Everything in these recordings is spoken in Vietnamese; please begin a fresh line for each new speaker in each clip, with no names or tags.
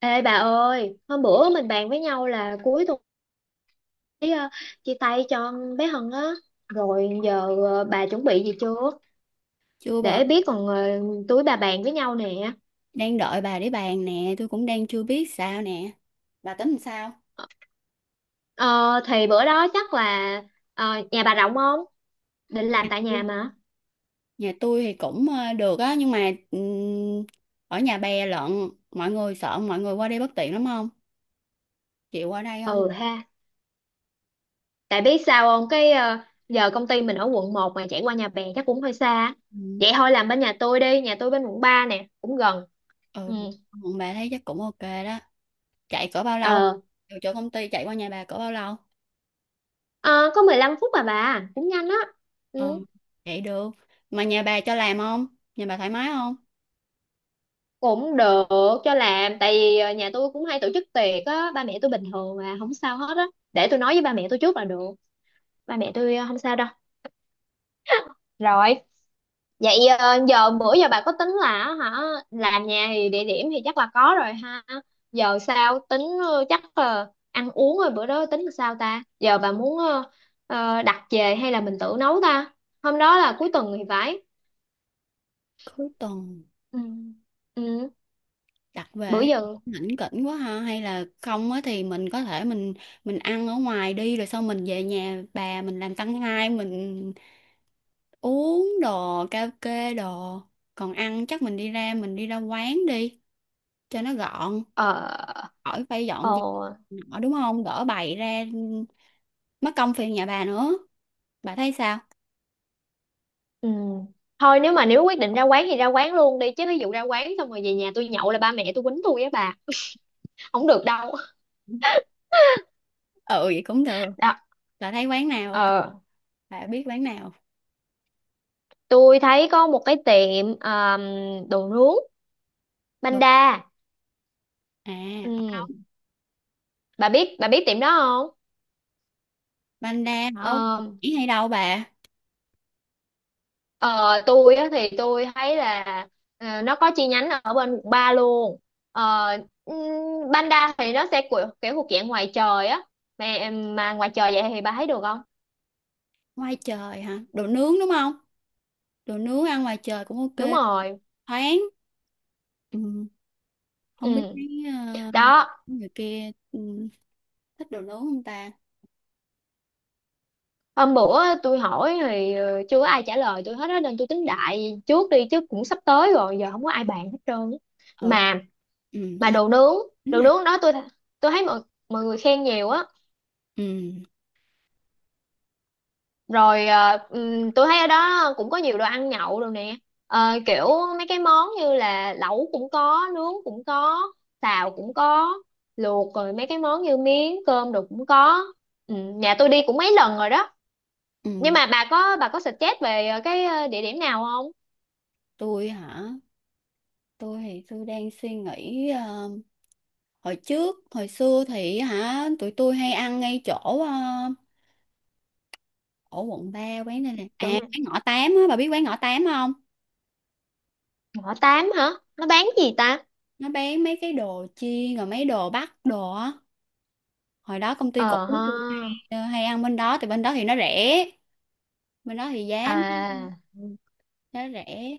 Ê bà ơi, hôm bữa mình bàn với nhau là cuối tuần ấy, chia tay cho bé Hân á. Rồi giờ bà chuẩn bị gì chưa?
Chưa bà,
Để biết còn túi bà bàn với nhau nè.
đang đợi bà để bàn nè. Tôi cũng đang chưa biết sao nè. Bà tính làm sao?
Ờ, thì bữa đó chắc là nhà bà rộng không? Định làm tại nhà mà.
Nhà tôi thì cũng được á, nhưng mà ở nhà bè lận, mọi người sợ mọi người qua đây bất tiện lắm không? Chịu qua đây không?
Ừ ha. Tại biết sao không? Giờ công ty mình ở Quận 1 mà chạy qua nhà bè chắc cũng hơi xa.
Ừm.
Vậy thôi làm bên nhà tôi đi, nhà tôi bên Quận 3 nè, cũng gần.
Ừ,
Ừ.
còn bà thấy chắc cũng ok đó. Chạy cỡ bao lâu?
Ờ.
Từ chỗ công ty chạy qua nhà bà cỡ bao lâu?
Ờ, có 15 phút à, bà cũng nhanh á. Ừ,
Ừ, vậy được. Mà nhà bà cho làm không? Nhà bà thoải mái không?
cũng được cho làm tại vì nhà tôi cũng hay tổ chức tiệc á, ba mẹ tôi bình thường mà không sao hết á. Để tôi nói với ba mẹ tôi trước là được, ba mẹ tôi không sao đâu. Rồi, vậy giờ bữa giờ bà có tính là hả, làm nhà thì địa điểm thì chắc là có rồi ha. Giờ sao tính chắc ăn uống rồi bữa đó tính là sao ta, giờ bà muốn đặt về hay là mình tự nấu ta? Hôm đó là cuối tuần thì phải.
Cuối tuần.
Ừ. Ừ.
Đặt về
Bữa giờ
hãnh kỉnh quá ha, hay là không á thì mình có thể mình ăn ở ngoài đi, rồi sau mình về nhà bà mình làm tăng hai, mình uống đồ karaoke đồ. Còn ăn chắc mình đi ra quán đi cho nó gọn,
ờ
khỏi phải
ờ
dọn dẹp nọ, đúng không, gỡ bày ra mất công phiền nhà bà nữa. Bà thấy sao?
ừ. Thôi nếu mà quyết định ra quán thì ra quán luôn đi, chứ ví dụ ra quán xong rồi về nhà tôi nhậu là ba mẹ tôi quýnh tôi á bà. Không được đâu.
Ừ, vậy cũng được.
Đó.
Bà thấy quán nào ok?
ờ
Bà biết quán nào
tôi thấy có một cái tiệm đồ nướng,
được?
Banda.
À, ở
Ừ.
đâu?
Bà biết tiệm đó không?
Banh đa ở
Ờ.
hay đâu bà?
Ờ, tôi á, thì tôi thấy là nó có chi nhánh ở bên Quận 3 luôn. ờ, ừm, Banda thì nó sẽ kiểu thuộc dạng ngoài trời á, mà ngoài trời vậy thì bà thấy được không?
Ngoài trời hả? Đồ nướng đúng không? Đồ nướng ăn ngoài trời cũng ok.
Đúng rồi.
Thoáng. Ừ. Không biết
Ừ.
mấy
Đó.
người kia thích đồ nướng không ta?
Hôm bữa tôi hỏi thì chưa có ai trả lời tôi hết á, nên tôi tính đại trước đi chứ cũng sắp tới rồi, giờ không có ai bàn hết trơn á.
Ừ.
mà
Ừ,
mà
ăn
đồ nướng,
bánh này.
đó tôi thấy mọi mọi người khen nhiều á.
Ừ.
Rồi tôi thấy ở đó cũng có nhiều đồ ăn nhậu rồi nè. Kiểu mấy cái món như là lẩu cũng có, nướng cũng có, xào cũng có, luộc, rồi mấy cái món như miếng cơm đồ cũng có. Ừ, nhà tôi đi cũng mấy lần rồi đó. Nhưng
Ừ.
mà bà có suggest về địa điểm nào không?
Tôi hả? Tôi thì tôi đang suy nghĩ, hồi trước, hồi xưa thì hả? Tụi tôi hay ăn ngay chỗ ờ, ở quận 3, quán này nè. À,
Chỗ này?
quán ngõ 8 á, bà biết quán ngõ 8 không?
Ngõ tám hả? Nó bán gì ta?
Nó bán mấy cái đồ chiên rồi mấy đồ bắc đồ á. Hồi đó công ty
Ờ
cũ của
ha.
tôi hay, hay ăn bên đó, thì bên đó thì nó rẻ, bên đó thì giá
À.
nó rẻ.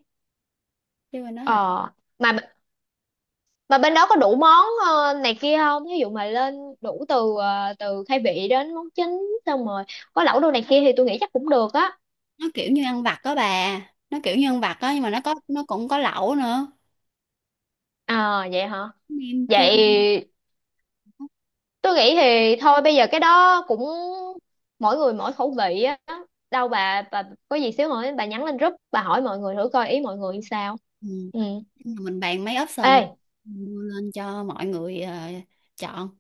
Chứ bên đó thì
ờ mà Mà bên đó có đủ món này kia không? Ví dụ mà lên đủ từ khai vị đến món chính, xong rồi có lẩu đồ này kia thì tôi nghĩ chắc cũng được á.
nó kiểu như ăn vặt đó bà, nó kiểu như ăn vặt đó nhưng mà nó cũng có lẩu nữa,
À vậy hả?
nem chua.
Vậy tôi nghĩ thì thôi bây giờ cái đó cũng mỗi người mỗi khẩu vị á. Đâu bà, có gì xíu hỏi, bà nhắn lên group, bà hỏi mọi người thử coi ý mọi người sao.
Ừ.
Ừ.
Mình bàn mấy
Ê.
option đưa lên cho mọi người chọn.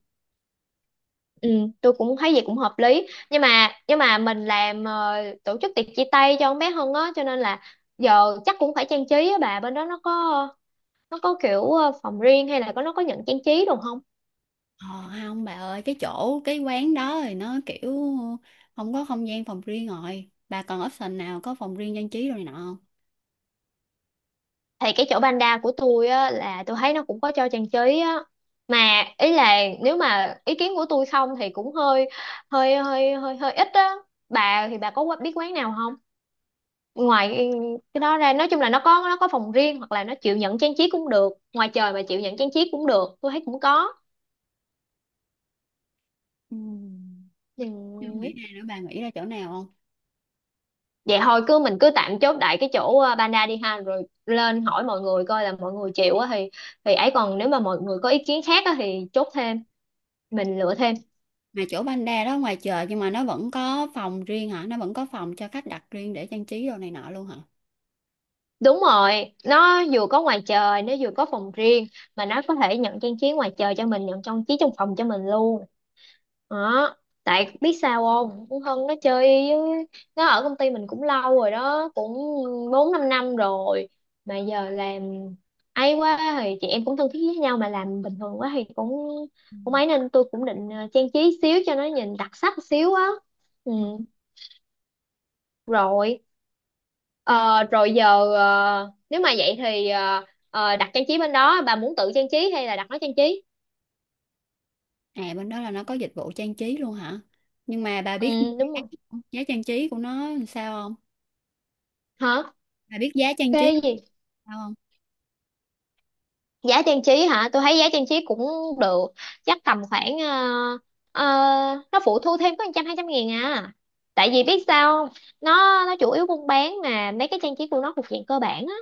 Ừ, tôi cũng thấy vậy cũng hợp lý, nhưng mà mình làm tổ chức tiệc chia tay cho con bé Hân á, cho nên là giờ chắc cũng phải trang trí á bà. Bên đó nó có kiểu phòng riêng, hay là có nó có nhận trang trí đồ không?
ờ, Không bà ơi, cái chỗ cái quán đó thì nó kiểu không có không gian phòng riêng. Rồi bà còn option nào có phòng riêng trang trí rồi này nọ không?
Thì cái chỗ Panda của tôi á, là tôi thấy nó cũng có cho trang trí á. Mà ý là nếu mà ý kiến của tôi không thì cũng hơi hơi hơi hơi hơi ít á. Bà thì bà có biết quán nào không, ngoài cái đó ra? Nói chung là nó có, phòng riêng, hoặc là nó chịu nhận trang trí cũng được, ngoài trời mà chịu nhận trang trí cũng được, tôi thấy cũng có.
Ừ. Chưa nghĩ
Ừ.
ra nữa, bà nghĩ ra chỗ nào không?
Vậy thôi cứ mình cứ tạm chốt đại cái chỗ Panda đi ha, rồi lên hỏi mọi người coi là mọi người chịu á thì. Ấy, còn nếu mà mọi người có ý kiến khác á thì chốt thêm, mình lựa thêm.
Mà chỗ Panda đó ngoài chợ nhưng mà nó vẫn có phòng riêng hả? Nó vẫn có phòng cho khách đặt riêng để trang trí đồ này nọ luôn hả?
Đúng rồi, nó vừa có ngoài trời, nó vừa có phòng riêng, mà nó có thể nhận trang trí ngoài trời cho mình, nhận trang trí trong phòng cho mình luôn. Đó. Tại biết sao không? Cũng Hân, nó chơi với, nó ở công ty mình cũng lâu rồi đó, cũng 4-5 năm rồi. Mà giờ làm ấy quá thì chị em cũng thân thiết với nhau, mà làm bình thường quá thì cũng cũng ấy, nên tôi cũng định trang trí xíu cho nó nhìn đặc sắc xíu á. Ừ,
Ừ.
rồi. Ờ, rồi giờ nếu mà vậy thì đặt trang trí bên đó, bà muốn tự trang trí hay là đặt nó trang trí?
À, bên đó là nó có dịch vụ trang trí luôn hả? Nhưng mà bà biết
Ừ, đúng
giá,
rồi.
giá trang trí của nó làm sao không?
Hả?
Bà biết giá trang trí
Cái gì?
sao không?
Giá trang trí hả? Tôi thấy giá trang trí cũng được, chắc tầm khoảng ờ, nó phụ thu thêm có 100 200 nghìn à. Tại vì biết sao không? Nó, chủ yếu buôn bán mà mấy cái trang trí của nó thuộc dạng cơ bản á,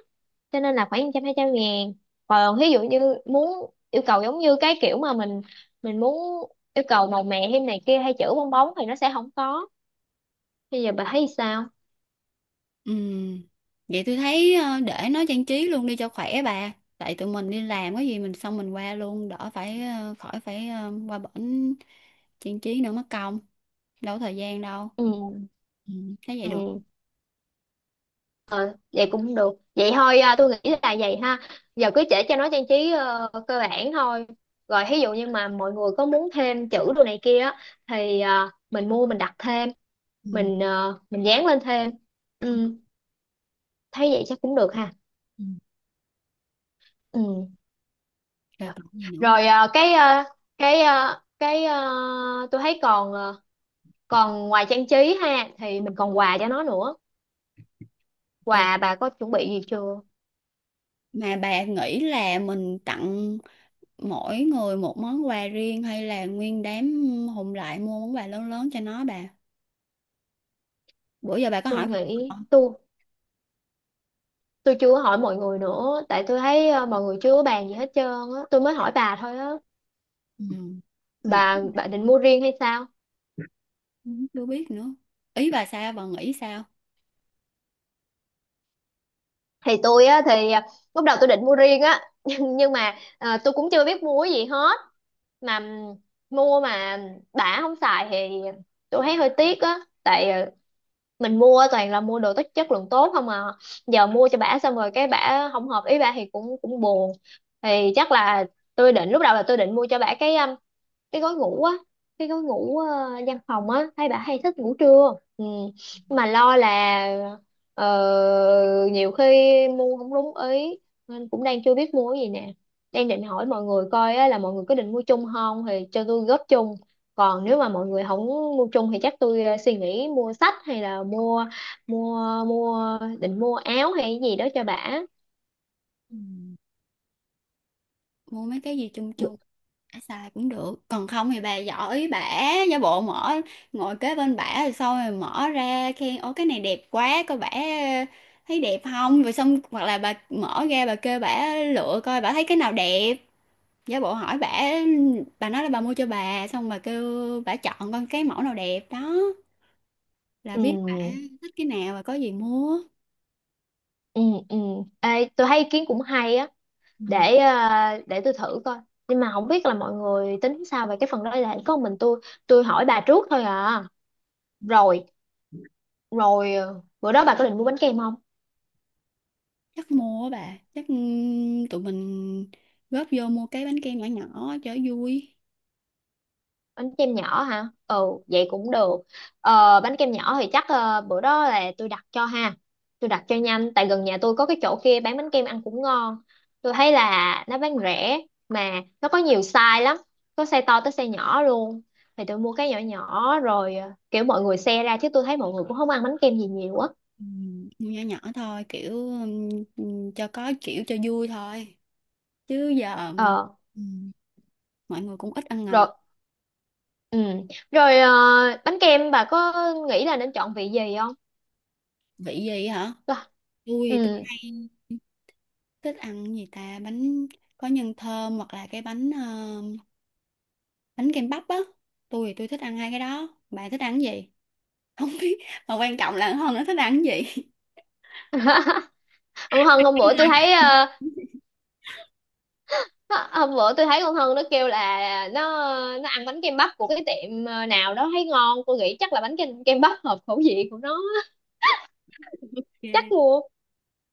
cho nên là khoảng 100 200 ngàn. Còn ví dụ như muốn yêu cầu giống như cái kiểu mà mình, muốn yêu cầu màu mè thêm này kia, hay chữ bong bóng thì nó sẽ không có. Bây giờ bà thấy sao?
Ừ, vậy tôi thấy để nó trang trí luôn đi cho khỏe bà. Tại tụi mình đi làm có gì mình xong mình qua luôn, đỡ phải khỏi phải qua bển trang trí nữa mất công, đâu có thời gian đâu.
Ừ.
Ừ, thấy vậy được
Ừ,
không?
vậy cũng được. Vậy thôi à, tôi nghĩ là vậy ha. Giờ cứ để cho nó trang trí cơ bản thôi, rồi ví dụ như mà mọi người có muốn thêm chữ đồ này kia á, thì à, mình mua, mình đặt thêm,
Ừ.
mình dán lên thêm. Ừ, thấy vậy chắc cũng được ha.
Ừ.
Ừ.
Rồi
Trời.
còn gì nữa không?
Rồi cái tôi thấy còn còn ngoài trang trí ha, thì mình còn quà cho nó nữa.
Ờ,
Quà bà có chuẩn bị gì chưa?
mà bà nghĩ là mình tặng mỗi người một món quà riêng, hay là nguyên đám hùng lại mua món quà lớn lớn cho nó bà? Bữa giờ bà có hỏi
Tôi
mặt người
nghĩ
không?
tôi, chưa hỏi mọi người nữa, tại tôi thấy mọi người chưa có bàn gì hết trơn á, tôi mới hỏi bà thôi á.
Ừ. Mặt
Bà định mua riêng hay sao?
cũng chưa biết nữa. Ý bà sao? Bà nghĩ sao?
Thì tôi á, thì lúc đầu tôi định mua riêng á. Nhưng mà tôi cũng chưa biết mua cái gì hết. Mà mua mà đã không xài thì tôi thấy hơi tiếc á. Tại mình mua toàn là mua đồ tốt, chất lượng tốt không à, giờ mua cho bả xong rồi cái bả không hợp ý bả thì cũng cũng buồn. Thì chắc là tôi định, lúc đầu là tôi định mua cho bả cái, gói ngủ á, cái gói ngủ văn phòng á, thấy bà hay thích ngủ trưa. Ừ. Mà lo là ờ, nhiều khi mua không đúng ý, nên cũng đang chưa biết mua cái gì nè, đang định hỏi mọi người coi á, là mọi người có định mua chung không thì cho tôi góp chung. Còn nếu mà mọi người không mua chung thì chắc tôi suy nghĩ mua sách, hay là mua mua mua định mua áo hay cái gì đó cho bà.
Ừ. Mua mấy cái gì chung chung? Bả xài cũng được, còn không thì bà giỏi bả, giả bộ mở, ngồi kế bên bả rồi xong rồi mở ra khen, ô cái này đẹp quá coi bả thấy đẹp không, rồi xong. Hoặc là bà mở ra bà kêu bả lựa coi bả thấy cái nào đẹp, giả bộ hỏi bả, bà nói là bà mua cho bà xong bà kêu bả chọn con cái mẫu nào đẹp đó, là
Ừ,
biết bả thích cái nào và có gì mua.
ừ, ừ. Ê, tôi thấy ý kiến cũng hay á. để ờ, để tôi thử coi, nhưng mà không biết là mọi người tính sao về cái phần đó, là có mình tôi, hỏi bà trước thôi à. Rồi Rồi bữa đó bà có định mua bánh kem không?
Chắc mua á bà, chắc tụi mình góp vô mua cái bánh kem nhỏ nhỏ cho vui.
Bánh kem nhỏ hả? Ừ, vậy cũng được. Bánh kem nhỏ thì chắc bữa đó là tôi đặt cho ha, tôi đặt cho nhanh, tại gần nhà tôi có cái chỗ kia bán bánh kem ăn cũng ngon. Tôi thấy là nó bán rẻ, mà nó có nhiều size lắm, có size to tới size nhỏ luôn, thì tôi mua cái nhỏ nhỏ rồi kiểu mọi người share ra, chứ tôi thấy mọi người cũng không ăn bánh kem gì nhiều á.
Ừ, nhỏ nhỏ thôi, kiểu ừ, cho có kiểu cho vui thôi, chứ giờ
Ờ.
ừ, mọi người cũng ít ăn ngọt.
Rồi. Ừ. Rồi bánh kem, bà có nghĩ là nên chọn vị gì không?
Vị gì hả?
Tôi-
Tôi
Ừ.
hay thích ăn gì ta, bánh có nhân thơm, hoặc là cái bánh bánh kem bắp á. Tôi thì tôi thích ăn hai cái đó, bà thích ăn cái gì? Không biết, mà quan trọng là hơn nó thích ăn cái gì.
Ông Hân hôm bữa tôi thấy hôm bữa tôi thấy con Hân nó kêu là nó, ăn bánh kem bắp của cái tiệm nào đó thấy ngon. Tôi nghĩ chắc là bánh kem, bắp hợp khẩu vị của nó á.
Yeah.
Chắc mua.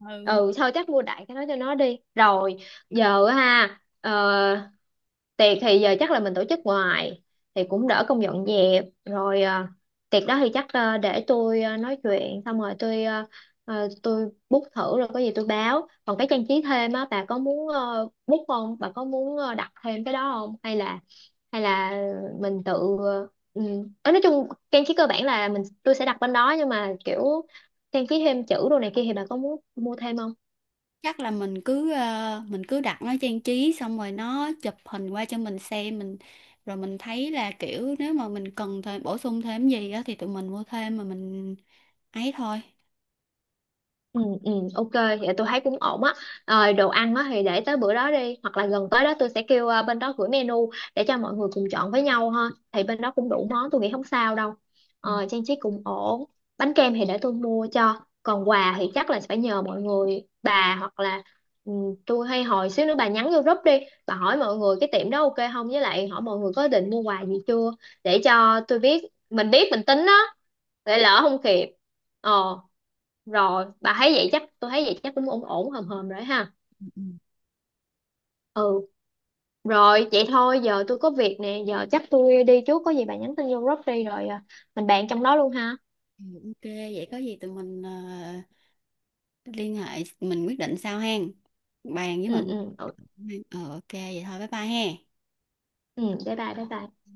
Ừ.
Ừ, thôi chắc mua đại cái đó cho nó đi. Rồi giờ á ha tiệc thì giờ chắc là mình tổ chức ngoài thì cũng đỡ công dọn dẹp rồi. Tiệc đó thì chắc để tôi nói chuyện xong rồi tôi, tôi book thử rồi có gì tôi báo. Còn cái trang trí thêm á, bà có muốn book không? Bà có muốn đặt thêm cái đó không? Hay là, hay là mình tự ờ, ừ. Ờ, nói chung trang trí cơ bản là mình, tôi sẽ đặt bên đó, nhưng mà kiểu trang trí thêm chữ đồ này kia thì bà có muốn mua thêm không?
Chắc là mình cứ mình cứ đặt nó trang trí xong rồi nó chụp hình qua cho mình xem mình, rồi mình thấy là kiểu nếu mà mình cần thêm bổ sung thêm gì á thì tụi mình mua thêm, mà mình ấy thôi.
Ừ, ừ, ok, vậy tôi thấy cũng ổn á. Rồi đồ ăn á thì để tới bữa đó đi, hoặc là gần tới đó tôi sẽ kêu bên đó gửi menu để cho mọi người cùng chọn với nhau ha. Thì bên đó cũng đủ món, tôi nghĩ không sao đâu. Ờ, trang trí cũng ổn. Bánh kem thì để tôi mua cho. Còn quà thì chắc là phải nhờ mọi người, bà hoặc là ừ, tôi hay, hồi xíu nữa bà nhắn vô group đi, bà hỏi mọi người cái tiệm đó ok không, với lại hỏi mọi người có định mua quà gì chưa, để cho tôi biết mình tính á, để lỡ không kịp. Ờ, rồi bà thấy vậy chắc, tôi thấy vậy chắc cũng ổn ổn hòm hòm rồi ha.
Ừ, ừ.
Ừ, rồi vậy thôi, giờ tôi có việc nè, giờ chắc tôi đi trước, có gì bà nhắn tin vô group đi rồi à, mình bàn trong đó luôn ha.
Ừ, ok, vậy có gì tụi mình liên hệ, mình quyết định sau hen, bàn với mọi
Ừ, ừ, ừ.
người. Ờ, ok, vậy thôi, bye bye he.
Ừ, bye bye bye bye.